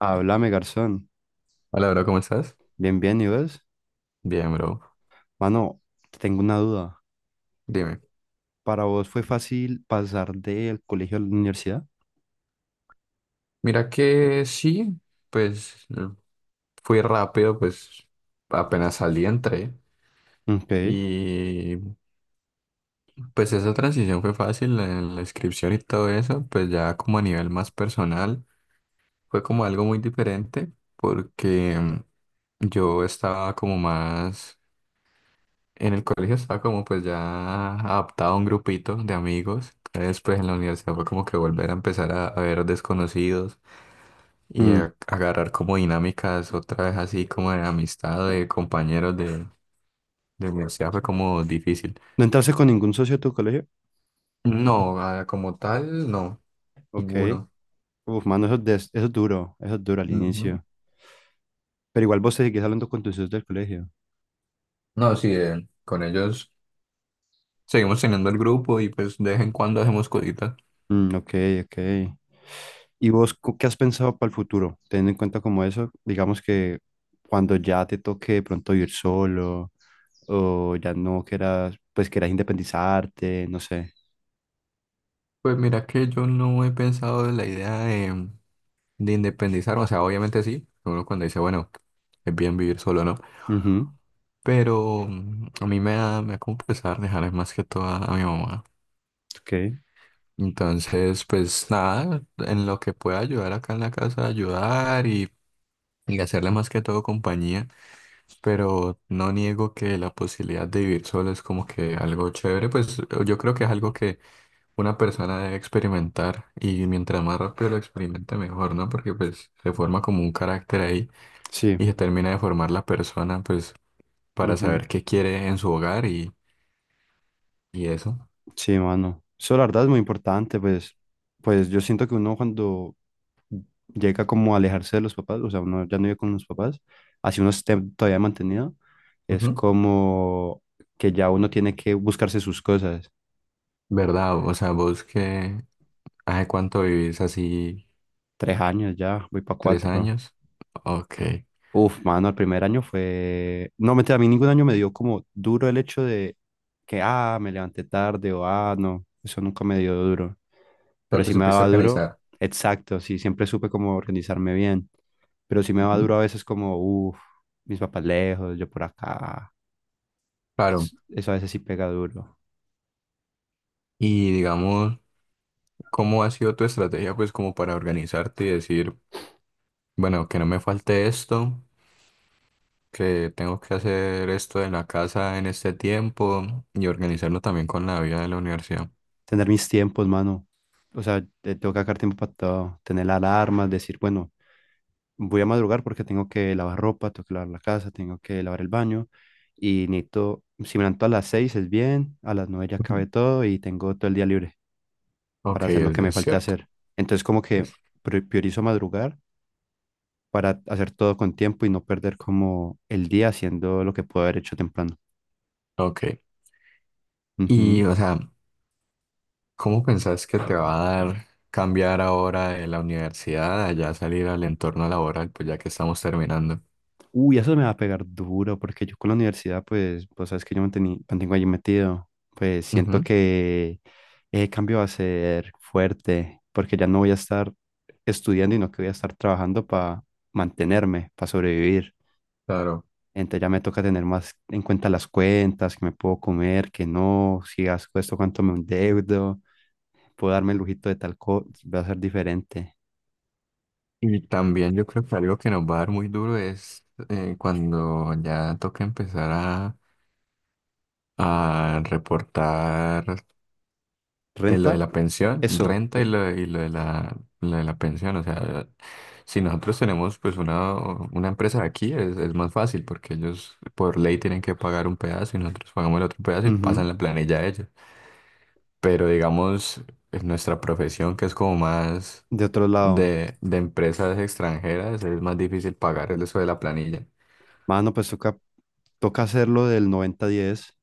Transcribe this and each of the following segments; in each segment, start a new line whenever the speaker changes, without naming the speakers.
Háblame, garzón.
Hola, bro, ¿cómo estás?
Bien, bien, ¿y vos?
Bien, bro.
Mano, tengo una duda.
Dime.
¿Para vos fue fácil pasar del colegio a la universidad?
Mira que sí, pues fui rápido, pues apenas salí, entré.
Ok.
Y pues esa transición fue fácil en la inscripción y todo eso, pues ya como a nivel más personal, fue como algo muy diferente porque yo estaba como más, en el colegio estaba como pues ya adaptado a un grupito de amigos. Después en la universidad fue como que volver a empezar a ver desconocidos y
Mm.
agarrar como dinámicas otra vez así como de amistad, de compañeros de universidad fue como difícil.
¿No entraste con ningún socio de tu colegio?
No, como tal, no,
Ok.
ninguno.
Uf, mano, eso, eso es duro. Eso es duro al
Ujú.
inicio. ¿Pero igual vos te seguís hablando con tus socios del colegio?
No, sí, con ellos seguimos teniendo el grupo y pues de vez en cuando hacemos cositas.
Mm, ok, ok. ¿Y vos qué has pensado para el futuro? Teniendo en cuenta como eso, digamos que cuando ya te toque de pronto ir solo o ya no quieras, pues quieras independizarte, no sé.
Pues mira que yo no he pensado en la idea de independizar, o sea, obviamente sí, uno cuando dice, bueno, es bien vivir solo, ¿no?
Ujú,
Pero a mí me da como pesar dejarles más que todo a mi mamá.
ok,
Entonces, pues nada, en lo que pueda ayudar acá en la casa, ayudar y hacerle más que todo compañía, pero no niego que la posibilidad de vivir solo es como que algo chévere, pues yo creo que es algo que una persona debe experimentar y mientras más rápido lo experimente mejor, ¿no? Porque pues se forma como un carácter ahí
sí,
y se termina de formar la persona, pues para
ujú.
saber qué quiere en su hogar y eso.
Sí, mano. Eso la verdad es muy importante, pues yo siento que uno cuando llega como a alejarse de los papás, o sea, uno ya no vive con los papás, así uno esté todavía mantenido, es
Ujú.
como que ya uno tiene que buscarse sus cosas.
¿Verdad? O sea, vos que, ¿hace cuánto vivís así?
3 años ya, voy para
Tres
4.
años. Ok.
Uf, mano, el primer año fue... no, mentira, a mí ningún año me dio como duro el hecho de que, ah, me levanté tarde o, ah, no, eso nunca me dio duro.
O
Pero
sea, te
sí me
supiste
daba duro,
organizar.
exacto, sí, siempre supe cómo organizarme bien. Pero sí me daba duro
Ujú.
a veces como, uff, mis papás lejos, yo por acá.
Claro.
Eso a veces sí pega duro.
Y digamos, ¿cómo ha sido tu estrategia, pues, como para organizarte y decir, bueno, que no me falte esto, que tengo que hacer esto en la casa en este tiempo y organizarlo también con la vida de la universidad?
Tener mis tiempos, mano. O sea, tengo que sacar tiempo para todo. Tener alarmas, decir, bueno, voy a madrugar porque tengo que lavar ropa, tengo que lavar la casa, tengo que lavar el baño y necesito, si me levanto a las 6 es bien, a las 9 ya
Ujú.
acabé todo y tengo todo el día libre
Ok,
para hacer lo que me
es
falte
cierto.
hacer. Entonces como que
es-
priorizo madrugar para hacer todo con tiempo y no perder como el día haciendo lo que puedo haber hecho temprano.
ok. Y,
Ujú.
o sea, ¿cómo pensás que te va a dar cambiar ahora de la universidad, allá salir al entorno laboral, pues ya que estamos terminando?
Uy, eso me va a pegar duro, porque yo con la universidad, pues, sabes que yo me mantengo allí metido. Pues siento
Ujú.
que ese cambio va a ser fuerte, porque ya no voy a estar estudiando, y no que voy a estar trabajando para mantenerme, para sobrevivir.
Claro.
Entonces ya me toca tener más en cuenta las cuentas, que me puedo comer, que no, si gasto esto, cuánto me endeudo, puedo darme el lujito de tal cosa, va a ser diferente.
Y también yo creo que algo que nos va a dar muy duro es cuando ya toca empezar a reportar lo
¿Renta?
de la pensión,
Eso.
renta y lo de la pensión. O sea, si nosotros tenemos pues una empresa aquí es más fácil porque ellos por ley tienen que pagar un pedazo y nosotros pagamos el otro pedazo y
Ujú.
pasan la planilla a ellos. Pero digamos, en nuestra profesión que es como más
De otro lado.
de empresas extranjeras es más difícil pagar el eso de la planilla.
Mano, pues toca hacerlo del noventa diez.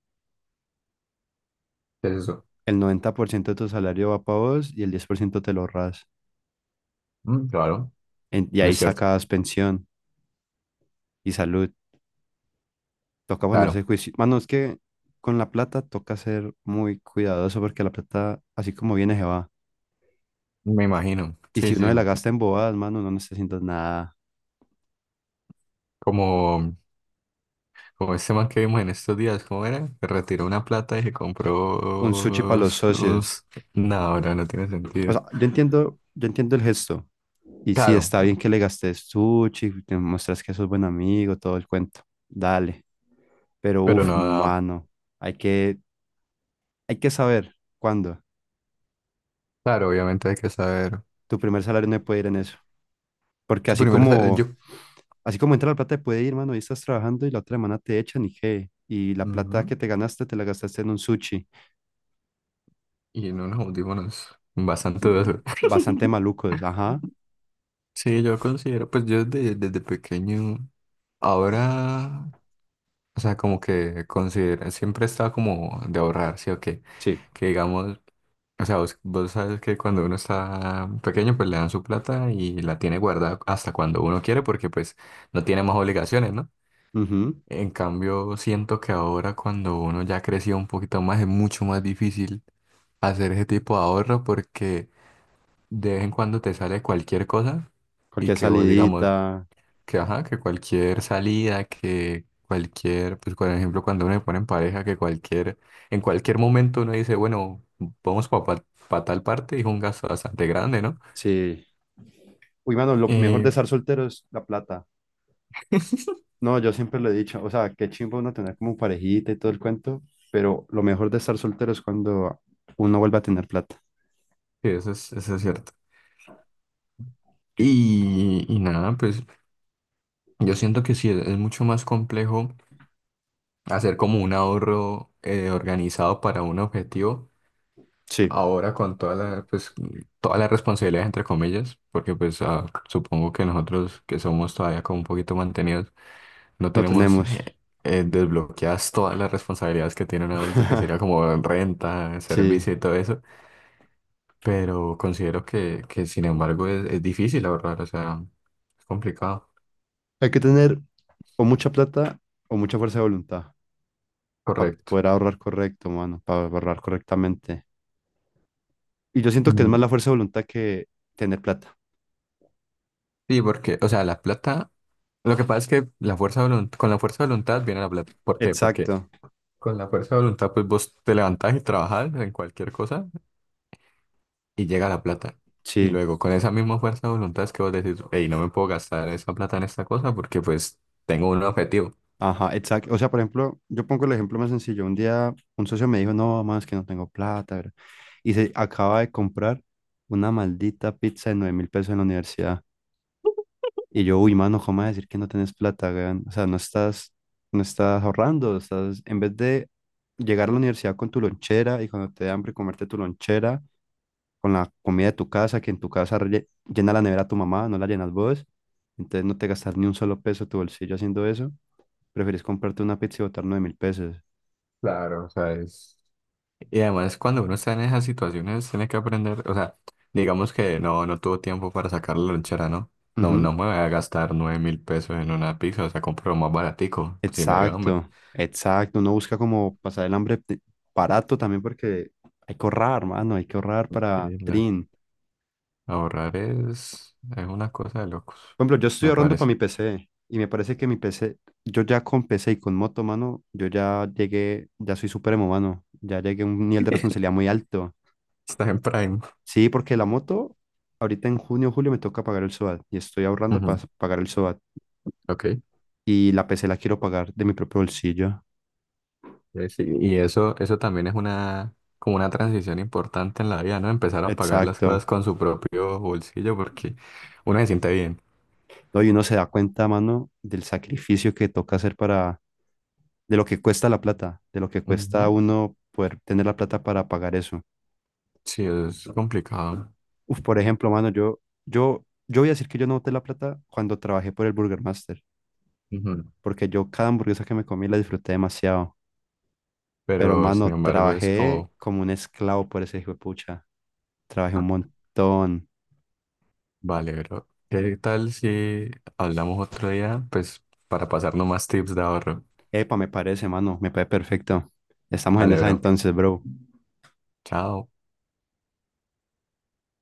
¿Qué es eso?
El 90% de tu salario va para vos y el 10% te lo ahorras.
Mm, claro,
Y
no
ahí
es cierto.
sacas pensión y salud. Toca ponerse
Claro,
juicio. Mano, es que con la plata toca ser muy cuidadoso porque la plata, así como viene, se va.
me imagino.
Y si
Sí,
uno
sí.
se la gasta en bobadas, mano, no necesitas nada.
Como, como este man que vimos en estos días, ¿cómo era? Que retiró una plata y se
Un sushi para
compró
los
sus
socios.
unos... No, no, no tiene
O
sentido.
sea, yo entiendo el gesto. Y sí,
Claro,
está bien que le gastes sushi, te muestras que sos buen amigo, todo el cuento. Dale. Pero
pero
uff,
no, no.
mano, hay que, hay que, saber cuándo.
Claro, obviamente hay que saber.
Tu primer salario no puede ir en eso. Porque
Tu
así
primero, yo...
como, así como entra la plata, te puede ir, mano, y estás trabajando y la otra semana te echan y qué. Y la plata
Ujú.
que te ganaste, te la gastaste en un sushi.
Y en unos audífonos bastante
Mm.
dudosos.
Bastante malucos, ajá.
Sí, yo considero, pues yo desde pequeño, ahora o sea, como que considera, siempre está como de ahorrar, ¿sí o qué?
Sí.
Que digamos, o sea, vos sabes que cuando uno está pequeño, pues le dan su plata y la tiene guardada hasta cuando uno quiere, porque pues no tiene más obligaciones, ¿no?
Ujú.
En cambio, siento que ahora cuando uno ya creció un poquito más, es mucho más difícil hacer ese tipo de ahorro porque de vez en cuando te sale cualquier cosa y
Cualquier
que vos, digamos,
salidita.
que, ajá, que cualquier salida, que cualquier, pues por ejemplo, cuando uno se pone en pareja, que cualquier, en cualquier momento uno dice, bueno, vamos para tal parte, y es un gasto bastante grande, ¿no?
Sí. Uy, mano, lo mejor de
Eh,
estar soltero es la plata. No, yo siempre lo he dicho, o sea, qué chimbo uno tener como parejita y todo el cuento, pero lo mejor de estar soltero es cuando uno vuelve a tener plata.
Sí, eso es cierto.
Yo-
Y nada, pues yo siento que sí, es mucho más complejo hacer como un ahorro organizado para un objetivo
Sí,
ahora con toda la, pues, toda la responsabilidad, entre comillas, porque pues supongo que nosotros que somos todavía como un poquito mantenidos, no
no
tenemos
tenemos.
desbloqueadas todas las responsabilidades que tiene un adulto, que sería como renta,
Sí,
servicio y todo eso, pero considero que sin embargo es difícil ahorrar, o sea, es complicado.
hay que tener o mucha plata o mucha fuerza de voluntad para
Correcto.
poder ahorrar correcto, mano, para ahorrar correctamente. Y yo siento que es
Mm,
más la fuerza de voluntad que tener plata.
sí, porque, o sea, la plata, lo que pasa es que la fuerza de con la fuerza de voluntad viene la plata. ¿Por qué? Porque
Exacto.
con la fuerza de voluntad, pues vos te levantás y trabajás en cualquier cosa y llega la plata. Y
Sí.
luego con esa misma fuerza de voluntad es que vos decís, hey, no me puedo gastar esa plata en esta cosa porque pues tengo un objetivo.
Ajá, exacto. O sea, por ejemplo, yo pongo el ejemplo más sencillo. Un día un socio me dijo, no, más que no tengo plata, bro. Y se acaba de comprar una maldita pizza de 9.000 pesos en la universidad. Y yo, uy, mano, ¿cómo vas a decir que no tienes plata, weón? O sea, no estás ahorrando, estás, en vez de llegar a la universidad con tu lonchera y cuando te dé hambre comerte tu lonchera con la comida de tu casa, que en tu casa llena la nevera tu mamá, no la llenas vos. Entonces no te gastas ni un solo peso de tu bolsillo haciendo eso. Preferís comprarte una pizza y botar 9.000 pesos.
Claro, o sea, es... Y además cuando uno está en esas situaciones tiene que aprender, o sea, digamos que no, no tuvo tiempo para sacar la lonchera, ¿no? No, no
Ujú.
me voy a gastar 9.000 pesos en una pizza, o sea, compro lo más baratico, si me dio hambre.
Exacto, exacto. Uno busca como pasar el hambre barato también porque hay que ahorrar, mano, hay que ahorrar para
Sí, la-
Trin.
ahorrar es una cosa de locos,
Por ejemplo, yo estoy
me
ahorrando para
parece.
mi PC y me parece que mi PC, yo ya con PC y con moto, mano, yo ya llegué, ya soy supremo, mano. Ya llegué a un nivel de responsabilidad muy alto.
Estás en Prime.
Sí, porque la moto, ahorita en junio o julio me toca pagar el SOAT y estoy ahorrando para
Ujú,
pagar el SOAT.
ok.
Y la PC la quiero pagar de mi propio bolsillo.
Sí, y eso también es una, como una transición importante en la vida, ¿no? Empezar a pagar las cosas
Exacto.
con su propio bolsillo porque uno se siente bien.
No, y uno se da cuenta, mano, del sacrificio que toca hacer para, de lo que cuesta la plata, de lo que cuesta a
Ujú,
uno poder tener la plata para pagar eso.
sí, es complicado.
Uf, por ejemplo, mano, yo voy a decir que yo no boté la plata cuando trabajé por el Burger Master,
Ujú,
porque yo cada hamburguesa que me comí la disfruté demasiado. Pero,
pero sin
mano,
embargo es
trabajé
como,
como un esclavo por ese hijo de pucha. Trabajé un montón.
vale, pero ¿qué tal si hablamos otro día? Pues para pasarnos más tips de ahorro.
Epa, me parece, mano, me parece perfecto. Estamos en
Vale,
esas
bro.
entonces, bro.
Chao.